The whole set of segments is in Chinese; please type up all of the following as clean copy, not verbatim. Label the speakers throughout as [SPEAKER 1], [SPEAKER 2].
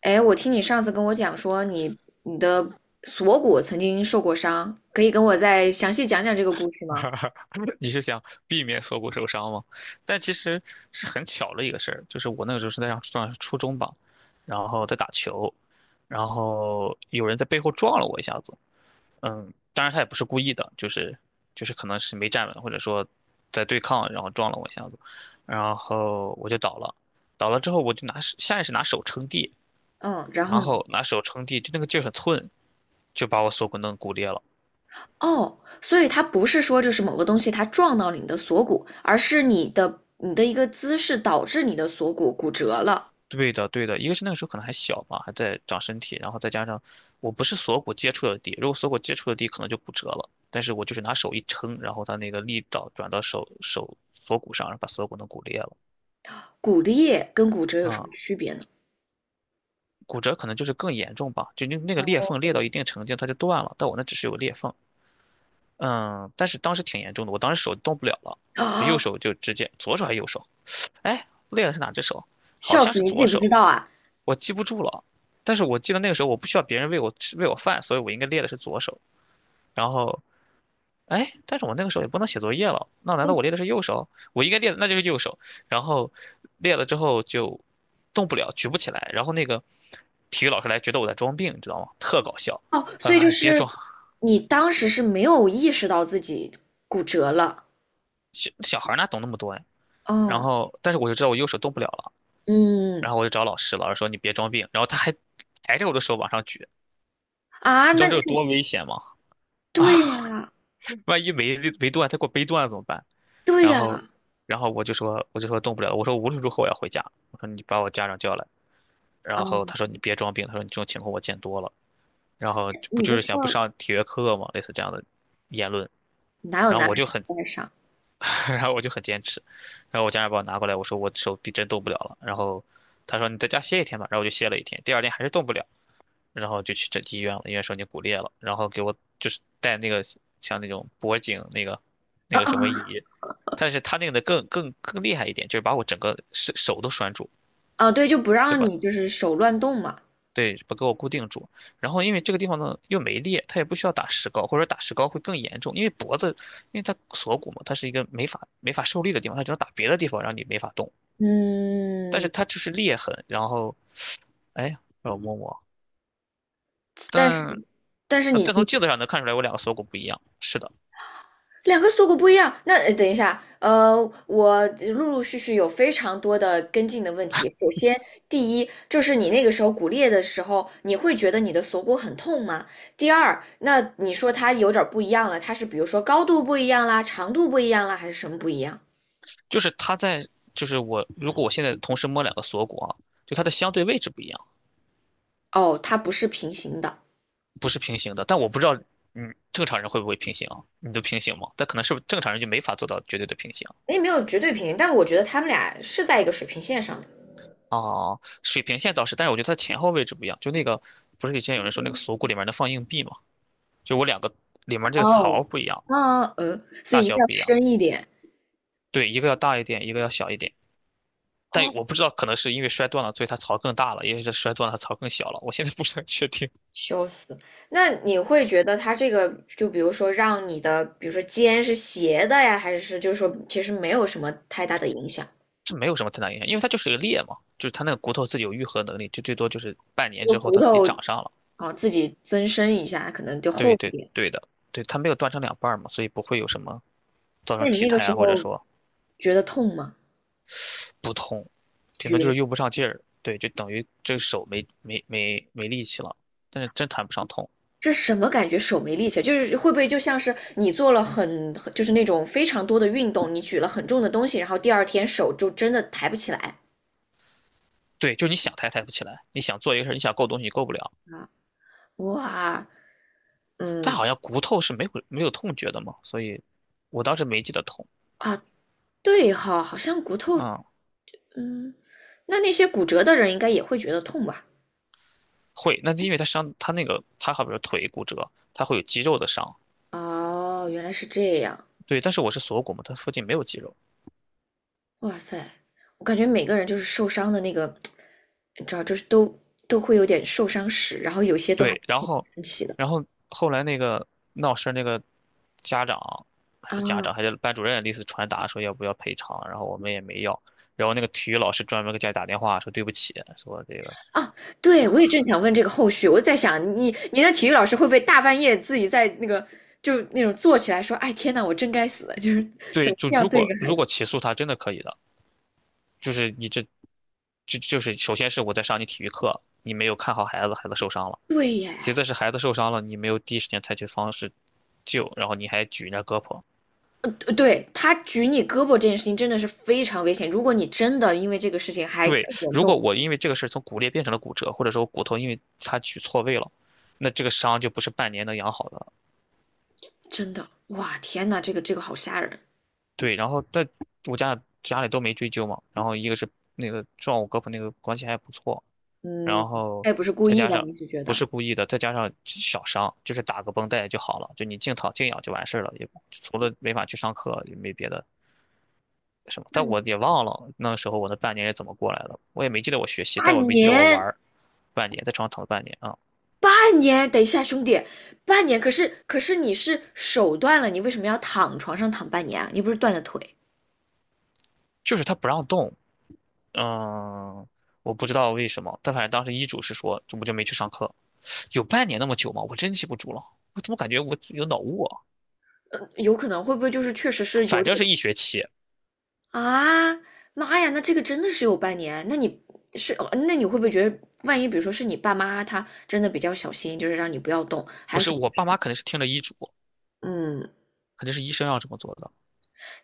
[SPEAKER 1] 哎，我听你上次跟我讲说你的锁骨曾经受过伤，可以跟我再详细讲讲这个故事吗？
[SPEAKER 2] 你是想避免锁骨受伤吗？但其实是很巧的一个事儿，就是我那个时候是在上初中吧，然后在打球，然后有人在背后撞了我一下子，嗯，当然他也不是故意的，就是可能是没站稳，或者说在对抗，然后撞了我一下子，然后我就倒了，倒了之后我就拿手下意识拿手撑地，
[SPEAKER 1] 嗯，然后
[SPEAKER 2] 然
[SPEAKER 1] 呢？
[SPEAKER 2] 后拿手撑地，就那个劲儿很寸，就把我锁骨弄骨裂了。
[SPEAKER 1] 哦，所以它不是说就是某个东西它撞到了你的锁骨，而是你的一个姿势导致你的锁骨骨折了。
[SPEAKER 2] 对的，对的，一个是那个时候可能还小嘛，还在长身体，然后再加上我不是锁骨接触的地，如果锁骨接触的地可能就骨折了，但是我就是拿手一撑，然后它那个力道转到手锁骨上，然后把锁骨弄骨裂了
[SPEAKER 1] 骨裂跟骨折有什么
[SPEAKER 2] 啊，
[SPEAKER 1] 区别呢？
[SPEAKER 2] 骨折可能就是更严重吧，就那个裂缝裂到一定程度它就断了，但我那只是有裂缝，嗯，但是当时挺严重的，我当时手动不了了，右
[SPEAKER 1] 啊，
[SPEAKER 2] 手就直接左手还是右手，哎，裂的是哪只手？好
[SPEAKER 1] 笑
[SPEAKER 2] 像
[SPEAKER 1] 死，
[SPEAKER 2] 是
[SPEAKER 1] 你自
[SPEAKER 2] 左
[SPEAKER 1] 己不
[SPEAKER 2] 手，
[SPEAKER 1] 知道啊？
[SPEAKER 2] 我记不住了，但是我记得那个时候我不需要别人喂我饭，所以我应该练的是左手。然后，哎，但是我那个时候也不能写作业了，那难道
[SPEAKER 1] 嗯。
[SPEAKER 2] 我练的是右手？我应该练的那就是右手。然后练了之后就动不了，举不起来。然后那个体育老师来觉得我在装病，你知道吗？特搞笑。
[SPEAKER 1] 哦，
[SPEAKER 2] 他
[SPEAKER 1] 所
[SPEAKER 2] 说
[SPEAKER 1] 以就
[SPEAKER 2] 哎：“别
[SPEAKER 1] 是
[SPEAKER 2] 装，
[SPEAKER 1] 你当时是没有意识到自己骨折了。
[SPEAKER 2] 小小孩哪懂那么多呀、然
[SPEAKER 1] 哦，
[SPEAKER 2] 后，但是我就知道我右手动不了了，
[SPEAKER 1] 嗯，
[SPEAKER 2] 然后我就找老师，老师说你别装病，然后他还挨着我的手往上举，
[SPEAKER 1] 啊，
[SPEAKER 2] 你知
[SPEAKER 1] 那
[SPEAKER 2] 道这有多危险吗？啊！
[SPEAKER 1] 对呀，
[SPEAKER 2] 万一没断，他给我背断了怎么办？
[SPEAKER 1] 对
[SPEAKER 2] 然后，
[SPEAKER 1] 呀。
[SPEAKER 2] 然后我就说动不了了，我说无论如何我要回家，我说你把我家长叫来，然后
[SPEAKER 1] 哦，
[SPEAKER 2] 他说你别装病，他说你这种情况我见多了，然后就不
[SPEAKER 1] 你
[SPEAKER 2] 就
[SPEAKER 1] 都
[SPEAKER 2] 是想不
[SPEAKER 1] 说
[SPEAKER 2] 上体育课嘛，类似这样的言论，
[SPEAKER 1] 哪有
[SPEAKER 2] 然后
[SPEAKER 1] 男
[SPEAKER 2] 我
[SPEAKER 1] 孩
[SPEAKER 2] 就
[SPEAKER 1] 子
[SPEAKER 2] 很，
[SPEAKER 1] 不爱上？
[SPEAKER 2] 然后我就很坚持，然后我家长把我拿过来，我说我手臂真动不了了，然后他说你在家歇一天吧，然后我就歇了一天，第二天还是动不了。然后就去整体医院了，医院说你骨裂了，然后给我就是带那个像那种脖颈那个什
[SPEAKER 1] 啊！
[SPEAKER 2] 么仪，但是他那个的更厉害一点，就是把我整个手都拴住，
[SPEAKER 1] 哦哦对，就不
[SPEAKER 2] 对
[SPEAKER 1] 让
[SPEAKER 2] 吧？
[SPEAKER 1] 你就是手乱动嘛。
[SPEAKER 2] 对，把给我固定住。然后因为这个地方呢又没裂，他也不需要打石膏，或者说打石膏会更严重，因为脖子，因为它锁骨嘛，它是一个没法受力的地方，它只能打别的地方让你没法动。但是
[SPEAKER 1] 嗯，
[SPEAKER 2] 它就是裂痕，然后哎呀让我摸摸，
[SPEAKER 1] 但是
[SPEAKER 2] 但
[SPEAKER 1] 但是
[SPEAKER 2] 呃
[SPEAKER 1] 你
[SPEAKER 2] 但从
[SPEAKER 1] 你
[SPEAKER 2] 镜子上能看出来我两个锁骨不一样，是的。
[SPEAKER 1] 两个锁骨不一样，那等一下，我陆陆续续有非常多的跟进的问题。首先，第一，就是你那个时候骨裂的时候，你会觉得你的锁骨很痛吗？第二，那你说它有点儿不一样了，它是比如说高度不一样啦，长度不一样啦，还是什么不一样？
[SPEAKER 2] 就是它在，就是我如果我现在同时摸两个锁骨啊，就它的相对位置不一样，
[SPEAKER 1] 哦，它不是平行的。
[SPEAKER 2] 不是平行的。但我不知道，嗯，正常人会不会平行啊？你都平行吗？但可能是不是正常人就没法做到绝对的平行
[SPEAKER 1] 也没有绝对平行，但我觉得他们俩是在一个水平线上的。
[SPEAKER 2] 啊。水平线倒是，但是我觉得它前后位置不一样。就那个不是以前有人说那个锁骨里面能放硬币吗？就我两个里面这个槽
[SPEAKER 1] 哦，
[SPEAKER 2] 不一样，
[SPEAKER 1] 啊，嗯，所
[SPEAKER 2] 大
[SPEAKER 1] 以一定
[SPEAKER 2] 小
[SPEAKER 1] 要
[SPEAKER 2] 不一样。
[SPEAKER 1] 深一点。
[SPEAKER 2] 对，一个要大一点，一个要小一点。但
[SPEAKER 1] 哦，
[SPEAKER 2] 我不知道，可能是因为摔断了，所以它槽更大了；，因为是摔断了，它槽更小了。我现在不是很确定。
[SPEAKER 1] 笑死！那你会觉得他这个，就比如说让你的，比如说肩是斜的呀，还是就是说其实没有什么太大的影响？
[SPEAKER 2] 这没有什么太大影响，因为它就是个裂嘛，就是它那个骨头自己有愈合能力，就最多就是半
[SPEAKER 1] 这
[SPEAKER 2] 年
[SPEAKER 1] 个
[SPEAKER 2] 之后
[SPEAKER 1] 骨
[SPEAKER 2] 它自己
[SPEAKER 1] 头，
[SPEAKER 2] 长上了。
[SPEAKER 1] 哦，自己增生一下，可能就
[SPEAKER 2] 对
[SPEAKER 1] 厚一
[SPEAKER 2] 对
[SPEAKER 1] 点。
[SPEAKER 2] 对的，对，它没有断成两半儿嘛，所以不会有什么造成
[SPEAKER 1] 那你
[SPEAKER 2] 体
[SPEAKER 1] 那个
[SPEAKER 2] 态
[SPEAKER 1] 时
[SPEAKER 2] 啊，或者
[SPEAKER 1] 候
[SPEAKER 2] 说
[SPEAKER 1] 觉得痛吗？
[SPEAKER 2] 不痛，顶多就是
[SPEAKER 1] 觉
[SPEAKER 2] 用不上劲儿。对，就等于这个手没力气了，但是真谈不上痛。
[SPEAKER 1] 这什么感觉？手没力气，就是会不会就像是你做了很，就是那种非常多的运动，你举了很重的东西，然后第二天手就真的抬不起来
[SPEAKER 2] 对，就是你想抬抬不起来，你想做一个事儿，你想够东西你够不了。
[SPEAKER 1] 啊？哇，
[SPEAKER 2] 但
[SPEAKER 1] 嗯。
[SPEAKER 2] 好像骨头是没有痛觉的嘛，所以我当时没记得痛。
[SPEAKER 1] 啊，对哈，好像骨头，
[SPEAKER 2] 嗯，
[SPEAKER 1] 嗯，那那些骨折的人应该也会觉得痛吧？
[SPEAKER 2] 会，那因为它伤，它那个它好比说腿骨折，它会有肌肉的伤，
[SPEAKER 1] 哦，原来是这样。
[SPEAKER 2] 对，但是我是锁骨嘛，它附近没有肌肉。
[SPEAKER 1] 哇塞，我感觉每个人就是受伤的那个，你知道，就是都会有点受伤史，然后有些都还
[SPEAKER 2] 对，然
[SPEAKER 1] 挺
[SPEAKER 2] 后，
[SPEAKER 1] 神奇的
[SPEAKER 2] 然后后来那个闹事儿那个家长还是家
[SPEAKER 1] 啊。
[SPEAKER 2] 长还是班主任，类似传达说要不要赔偿，然后我们也没要。然后那个体育老师专门给家里打电话说对不起，说这个
[SPEAKER 1] 啊，对，我也正想问这个后续，我在想你的体育老师会不会大半夜自己在那个就那种坐起来说，哎天呐，我真该死，就是怎
[SPEAKER 2] 对，
[SPEAKER 1] 么
[SPEAKER 2] 就
[SPEAKER 1] 这样
[SPEAKER 2] 如
[SPEAKER 1] 对一
[SPEAKER 2] 果
[SPEAKER 1] 个孩
[SPEAKER 2] 如果
[SPEAKER 1] 子？
[SPEAKER 2] 起诉他真的可以的，就是你这，就是首先是我在上你体育课，你没有看好孩子，孩子受伤了；
[SPEAKER 1] 对耶，
[SPEAKER 2] 其次是孩子受伤了，你没有第一时间采取方式救，然后你还举人家胳膊，
[SPEAKER 1] 对，他举你胳膊这件事情真的是非常危险，如果你真的因为这个事情还更
[SPEAKER 2] 对，
[SPEAKER 1] 严
[SPEAKER 2] 如果
[SPEAKER 1] 重，
[SPEAKER 2] 我因为这个事儿从骨裂变成了骨折，或者说我骨头因为它取错位了，那这个伤就不是半年能养好的了。
[SPEAKER 1] 真的，哇，天呐，这个这个好吓人，
[SPEAKER 2] 对，然后但我家家里都没追究嘛，然后一个是那个撞我胳膊那个关系还不错，
[SPEAKER 1] 嗯，
[SPEAKER 2] 然后
[SPEAKER 1] 他也不是故
[SPEAKER 2] 再
[SPEAKER 1] 意
[SPEAKER 2] 加
[SPEAKER 1] 的，
[SPEAKER 2] 上
[SPEAKER 1] 你是觉
[SPEAKER 2] 不
[SPEAKER 1] 得
[SPEAKER 2] 是故意的，再加上小伤，就是打个绷带就好了，就你静躺静养就完事儿了，也除了没法去上课也没别的什么。
[SPEAKER 1] 那
[SPEAKER 2] 但
[SPEAKER 1] 你
[SPEAKER 2] 我也忘了那时候我那半年是怎么过来的，我也没记得我学习，但我没记得我玩
[SPEAKER 1] 年。
[SPEAKER 2] 儿半年，在床上躺了半年啊。
[SPEAKER 1] 半年，等一下，兄弟，半年，可是你是手断了，你为什么要躺床上躺半年啊？你不是断了腿？
[SPEAKER 2] 就是他不让动，嗯，我不知道为什么，但反正当时医嘱是说，我就没去上课，有半年那么久吗？我真记不住了，我怎么感觉我有脑雾啊？
[SPEAKER 1] 有可能会不会就是确实是有
[SPEAKER 2] 反正
[SPEAKER 1] 点
[SPEAKER 2] 是一学期，
[SPEAKER 1] 啊？妈呀，那这个真的是有半年？那你是哦那你会不会觉得，万一比如说是你爸妈他真的比较小心，就是让你不要动，
[SPEAKER 2] 不是我爸妈肯定是听了医嘱，
[SPEAKER 1] 嗯，
[SPEAKER 2] 肯定是医生要这么做的。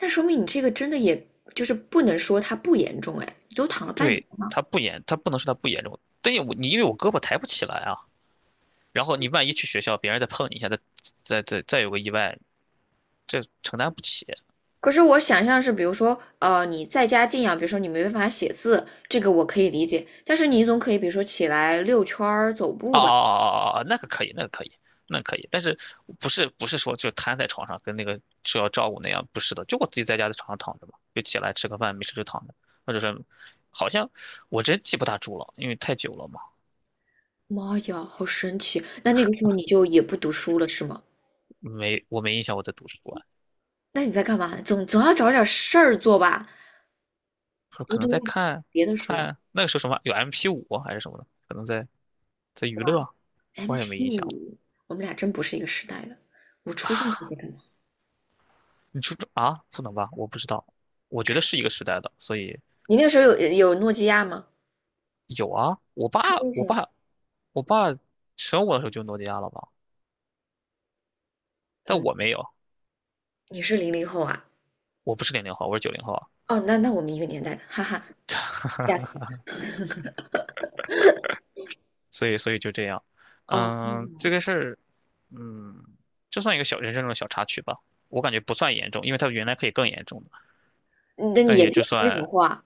[SPEAKER 1] 那说明你这个真的也就是不能说它不严重，哎，你都躺了半年。
[SPEAKER 2] 对，他不严，他不能说他不严重，但是我你因为我胳膊抬不起来啊，然后你万一去学校，别人再碰你一下，再有个意外，这承担不起。
[SPEAKER 1] 可是我想象是，比如说，你在家静养，比如说你没办法写字，这个我可以理解。但是你总可以，比如说起来遛圈儿、走步
[SPEAKER 2] 啊哦
[SPEAKER 1] 吧。
[SPEAKER 2] 哦哦哦，那个可以，那个可以，那可以，但是不是说就瘫在床上跟那个说要照顾那样，不是的，就我自己在家在床上躺着嘛，就起来吃个饭，没事就躺着，或者是好像我真记不大住了，因为太久了嘛，
[SPEAKER 1] 妈呀，好神奇！那那个时候你就也不读书了，是吗？
[SPEAKER 2] 没我没印象我在图书馆，
[SPEAKER 1] 那你在干嘛？总要找点事儿做吧，
[SPEAKER 2] 说
[SPEAKER 1] 读
[SPEAKER 2] 可能在
[SPEAKER 1] 读
[SPEAKER 2] 看
[SPEAKER 1] 别的书。
[SPEAKER 2] 看那个时候什么有 MP5啊还是什么的，可能在娱
[SPEAKER 1] 哇
[SPEAKER 2] 乐，我也没印象了。
[SPEAKER 1] ，MP5，我们俩真不是一个时代的。我初中时候在干嘛？
[SPEAKER 2] 你初中啊？不能吧？我不知道，我觉得是一个时代的，所以
[SPEAKER 1] 你那个时候有诺基亚吗？
[SPEAKER 2] 有啊，
[SPEAKER 1] 初中
[SPEAKER 2] 我
[SPEAKER 1] 时候，
[SPEAKER 2] 爸，我爸生我的时候就诺基亚了吧？但
[SPEAKER 1] 嗯，
[SPEAKER 2] 我没有，
[SPEAKER 1] 你是零零后啊？
[SPEAKER 2] 我不是00后，我是90后啊。
[SPEAKER 1] 哦，那那我们一个年代的，哈哈，吓死！
[SPEAKER 2] 所以就这样。
[SPEAKER 1] 哦，
[SPEAKER 2] 嗯，这个事儿，嗯，就算一个小人生中的小插曲吧，我感觉不算严重，因为它原来可以更严重的，
[SPEAKER 1] 那你
[SPEAKER 2] 但
[SPEAKER 1] 也
[SPEAKER 2] 也
[SPEAKER 1] 别
[SPEAKER 2] 就
[SPEAKER 1] 说这种
[SPEAKER 2] 算
[SPEAKER 1] 话，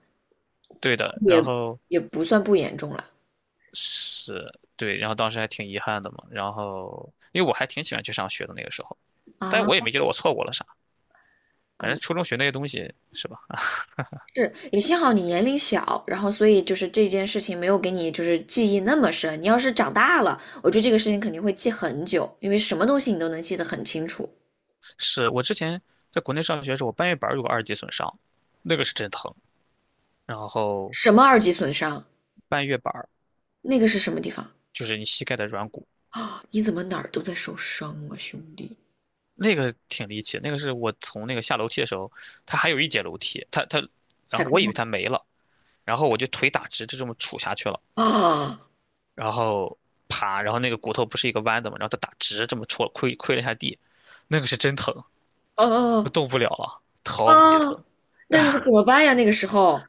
[SPEAKER 2] 对的。然
[SPEAKER 1] 也
[SPEAKER 2] 后
[SPEAKER 1] 也不算不严重了
[SPEAKER 2] 是，对，然后当时还挺遗憾的嘛。然后，因为我还挺喜欢去上学的那个时候，
[SPEAKER 1] 啊。
[SPEAKER 2] 但我也没觉得我错过了啥，反正
[SPEAKER 1] 嗯，
[SPEAKER 2] 初中学那些东西是吧？
[SPEAKER 1] 是，也幸好你年龄小，然后所以就是这件事情没有给你就是记忆那么深。你要是长大了，我觉得这个事情肯定会记很久，因为什么东西你都能记得很清楚。
[SPEAKER 2] 是我之前在国内上学的时候，我半月板儿有个二级损伤，那个是真疼。然后
[SPEAKER 1] 什么二级损伤？
[SPEAKER 2] 半月板儿
[SPEAKER 1] 那个是什么地方
[SPEAKER 2] 就是你膝盖的软骨，
[SPEAKER 1] 啊？你怎么哪儿都在受伤啊，兄弟？
[SPEAKER 2] 那个挺离奇。那个是我从那个下楼梯的时候，它还有一节楼梯，然
[SPEAKER 1] 踩
[SPEAKER 2] 后我
[SPEAKER 1] 空
[SPEAKER 2] 以
[SPEAKER 1] 了。
[SPEAKER 2] 为它没了，然后我就腿打直，就这么杵下去了，
[SPEAKER 1] 啊。
[SPEAKER 2] 然后爬，然后那个骨头不是一个弯的嘛，然后它打直这么戳，亏了一下地，那个是真疼，我
[SPEAKER 1] 啊！
[SPEAKER 2] 动不了了，超级
[SPEAKER 1] 啊！
[SPEAKER 2] 疼。
[SPEAKER 1] 那你怎么办呀？那个时候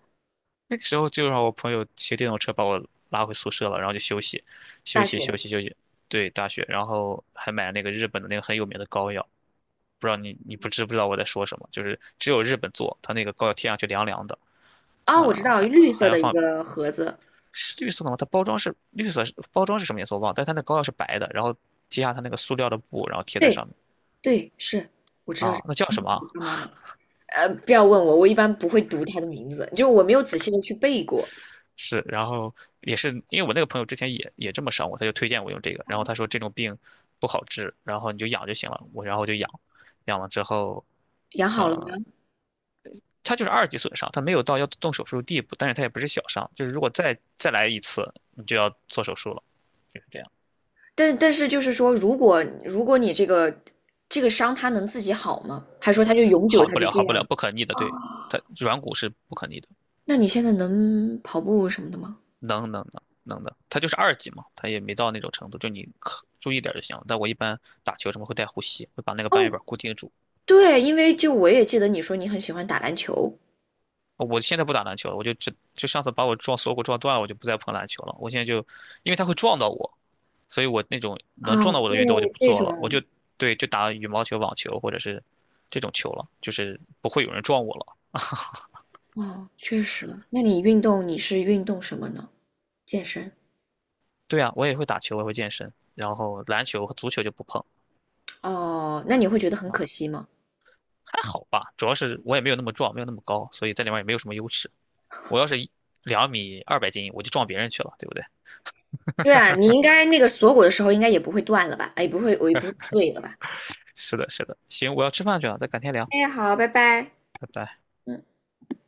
[SPEAKER 2] 那个时候就让我朋友骑电动车把我拉回宿舍了，然后就休息，休
[SPEAKER 1] 大
[SPEAKER 2] 息，休
[SPEAKER 1] 学
[SPEAKER 2] 息，休息。对，大学，然后还买了那个日本的那个很有名的膏药，不知道你不知道我在说什么？就是只有日本做，它那个膏药贴上去凉凉的，
[SPEAKER 1] 啊，我知道
[SPEAKER 2] 还
[SPEAKER 1] 绿
[SPEAKER 2] 还
[SPEAKER 1] 色的一个盒子。
[SPEAKER 2] 是绿色的吗？它包装是绿色，包装是什么颜色我忘了，但它那膏药是白的，然后揭下它那个塑料的布，然后贴在
[SPEAKER 1] 对，
[SPEAKER 2] 上面。
[SPEAKER 1] 对，是，我知道这
[SPEAKER 2] 啊，那叫什么啊？
[SPEAKER 1] 个妈妈嘛。不要问我，我一般不会读她的名字，就我没有仔细的去背过。
[SPEAKER 2] 是，然后也是因为我那个朋友之前也这么伤我，他就推荐我用这个，然后他说这种病不好治，然后你就养就行了，我然后我就养，养了之后，
[SPEAKER 1] 养好了
[SPEAKER 2] 呃，
[SPEAKER 1] 吗？
[SPEAKER 2] 他就是二级损伤，他没有到要动手术的地步，但是他也不是小伤，就是如果再来一次，你就要做手术了，就是这样，
[SPEAKER 1] 但但是就是说，如果如果你这个这个伤它能自己好吗？还说它就永久
[SPEAKER 2] 好
[SPEAKER 1] 它
[SPEAKER 2] 不
[SPEAKER 1] 就
[SPEAKER 2] 了，
[SPEAKER 1] 这
[SPEAKER 2] 好不
[SPEAKER 1] 样
[SPEAKER 2] 了，
[SPEAKER 1] 了？
[SPEAKER 2] 不可逆的，对，他软骨是不可逆的，
[SPEAKER 1] 那你现在能跑步什么的吗？
[SPEAKER 2] 能的，他就是二级嘛，他也没到那种程度，就你可注意点儿就行了。但我一般打球什么会带护膝，会把那个半月
[SPEAKER 1] 哦，
[SPEAKER 2] 板固定住。可
[SPEAKER 1] 对，因为就我也记得你说你很喜欢打篮球
[SPEAKER 2] 我现在不打篮球了，我就只就上次把我撞锁骨撞断了，我就不再碰篮球了。我现在就，因为它会撞到我，所以我那种能
[SPEAKER 1] 啊，
[SPEAKER 2] 撞到我
[SPEAKER 1] 对，
[SPEAKER 2] 的运动我就不
[SPEAKER 1] 这
[SPEAKER 2] 做了，我
[SPEAKER 1] 种
[SPEAKER 2] 就对就打羽毛球、网球或者是这种球了，就是不会有人撞我了。
[SPEAKER 1] 哦，确实。那你运动你是运动什么呢？健身？
[SPEAKER 2] 对啊，我也会打球，我也会健身，然后篮球和足球就不碰。
[SPEAKER 1] 哦，那你会觉得很
[SPEAKER 2] 啊，
[SPEAKER 1] 可惜吗？
[SPEAKER 2] 还好吧，主要是我也没有那么壮，没有那么高，所以在里面也没有什么优势。我要是2米200斤，我就撞别人去了，对不对？
[SPEAKER 1] 对啊，你应该那个锁骨的时候应该也不会断了吧？哎，也不会，我也不会碎了吧？
[SPEAKER 2] 是的，是的，行，我要吃饭去了，咱改天聊，
[SPEAKER 1] 哎，好，拜拜。
[SPEAKER 2] 拜拜。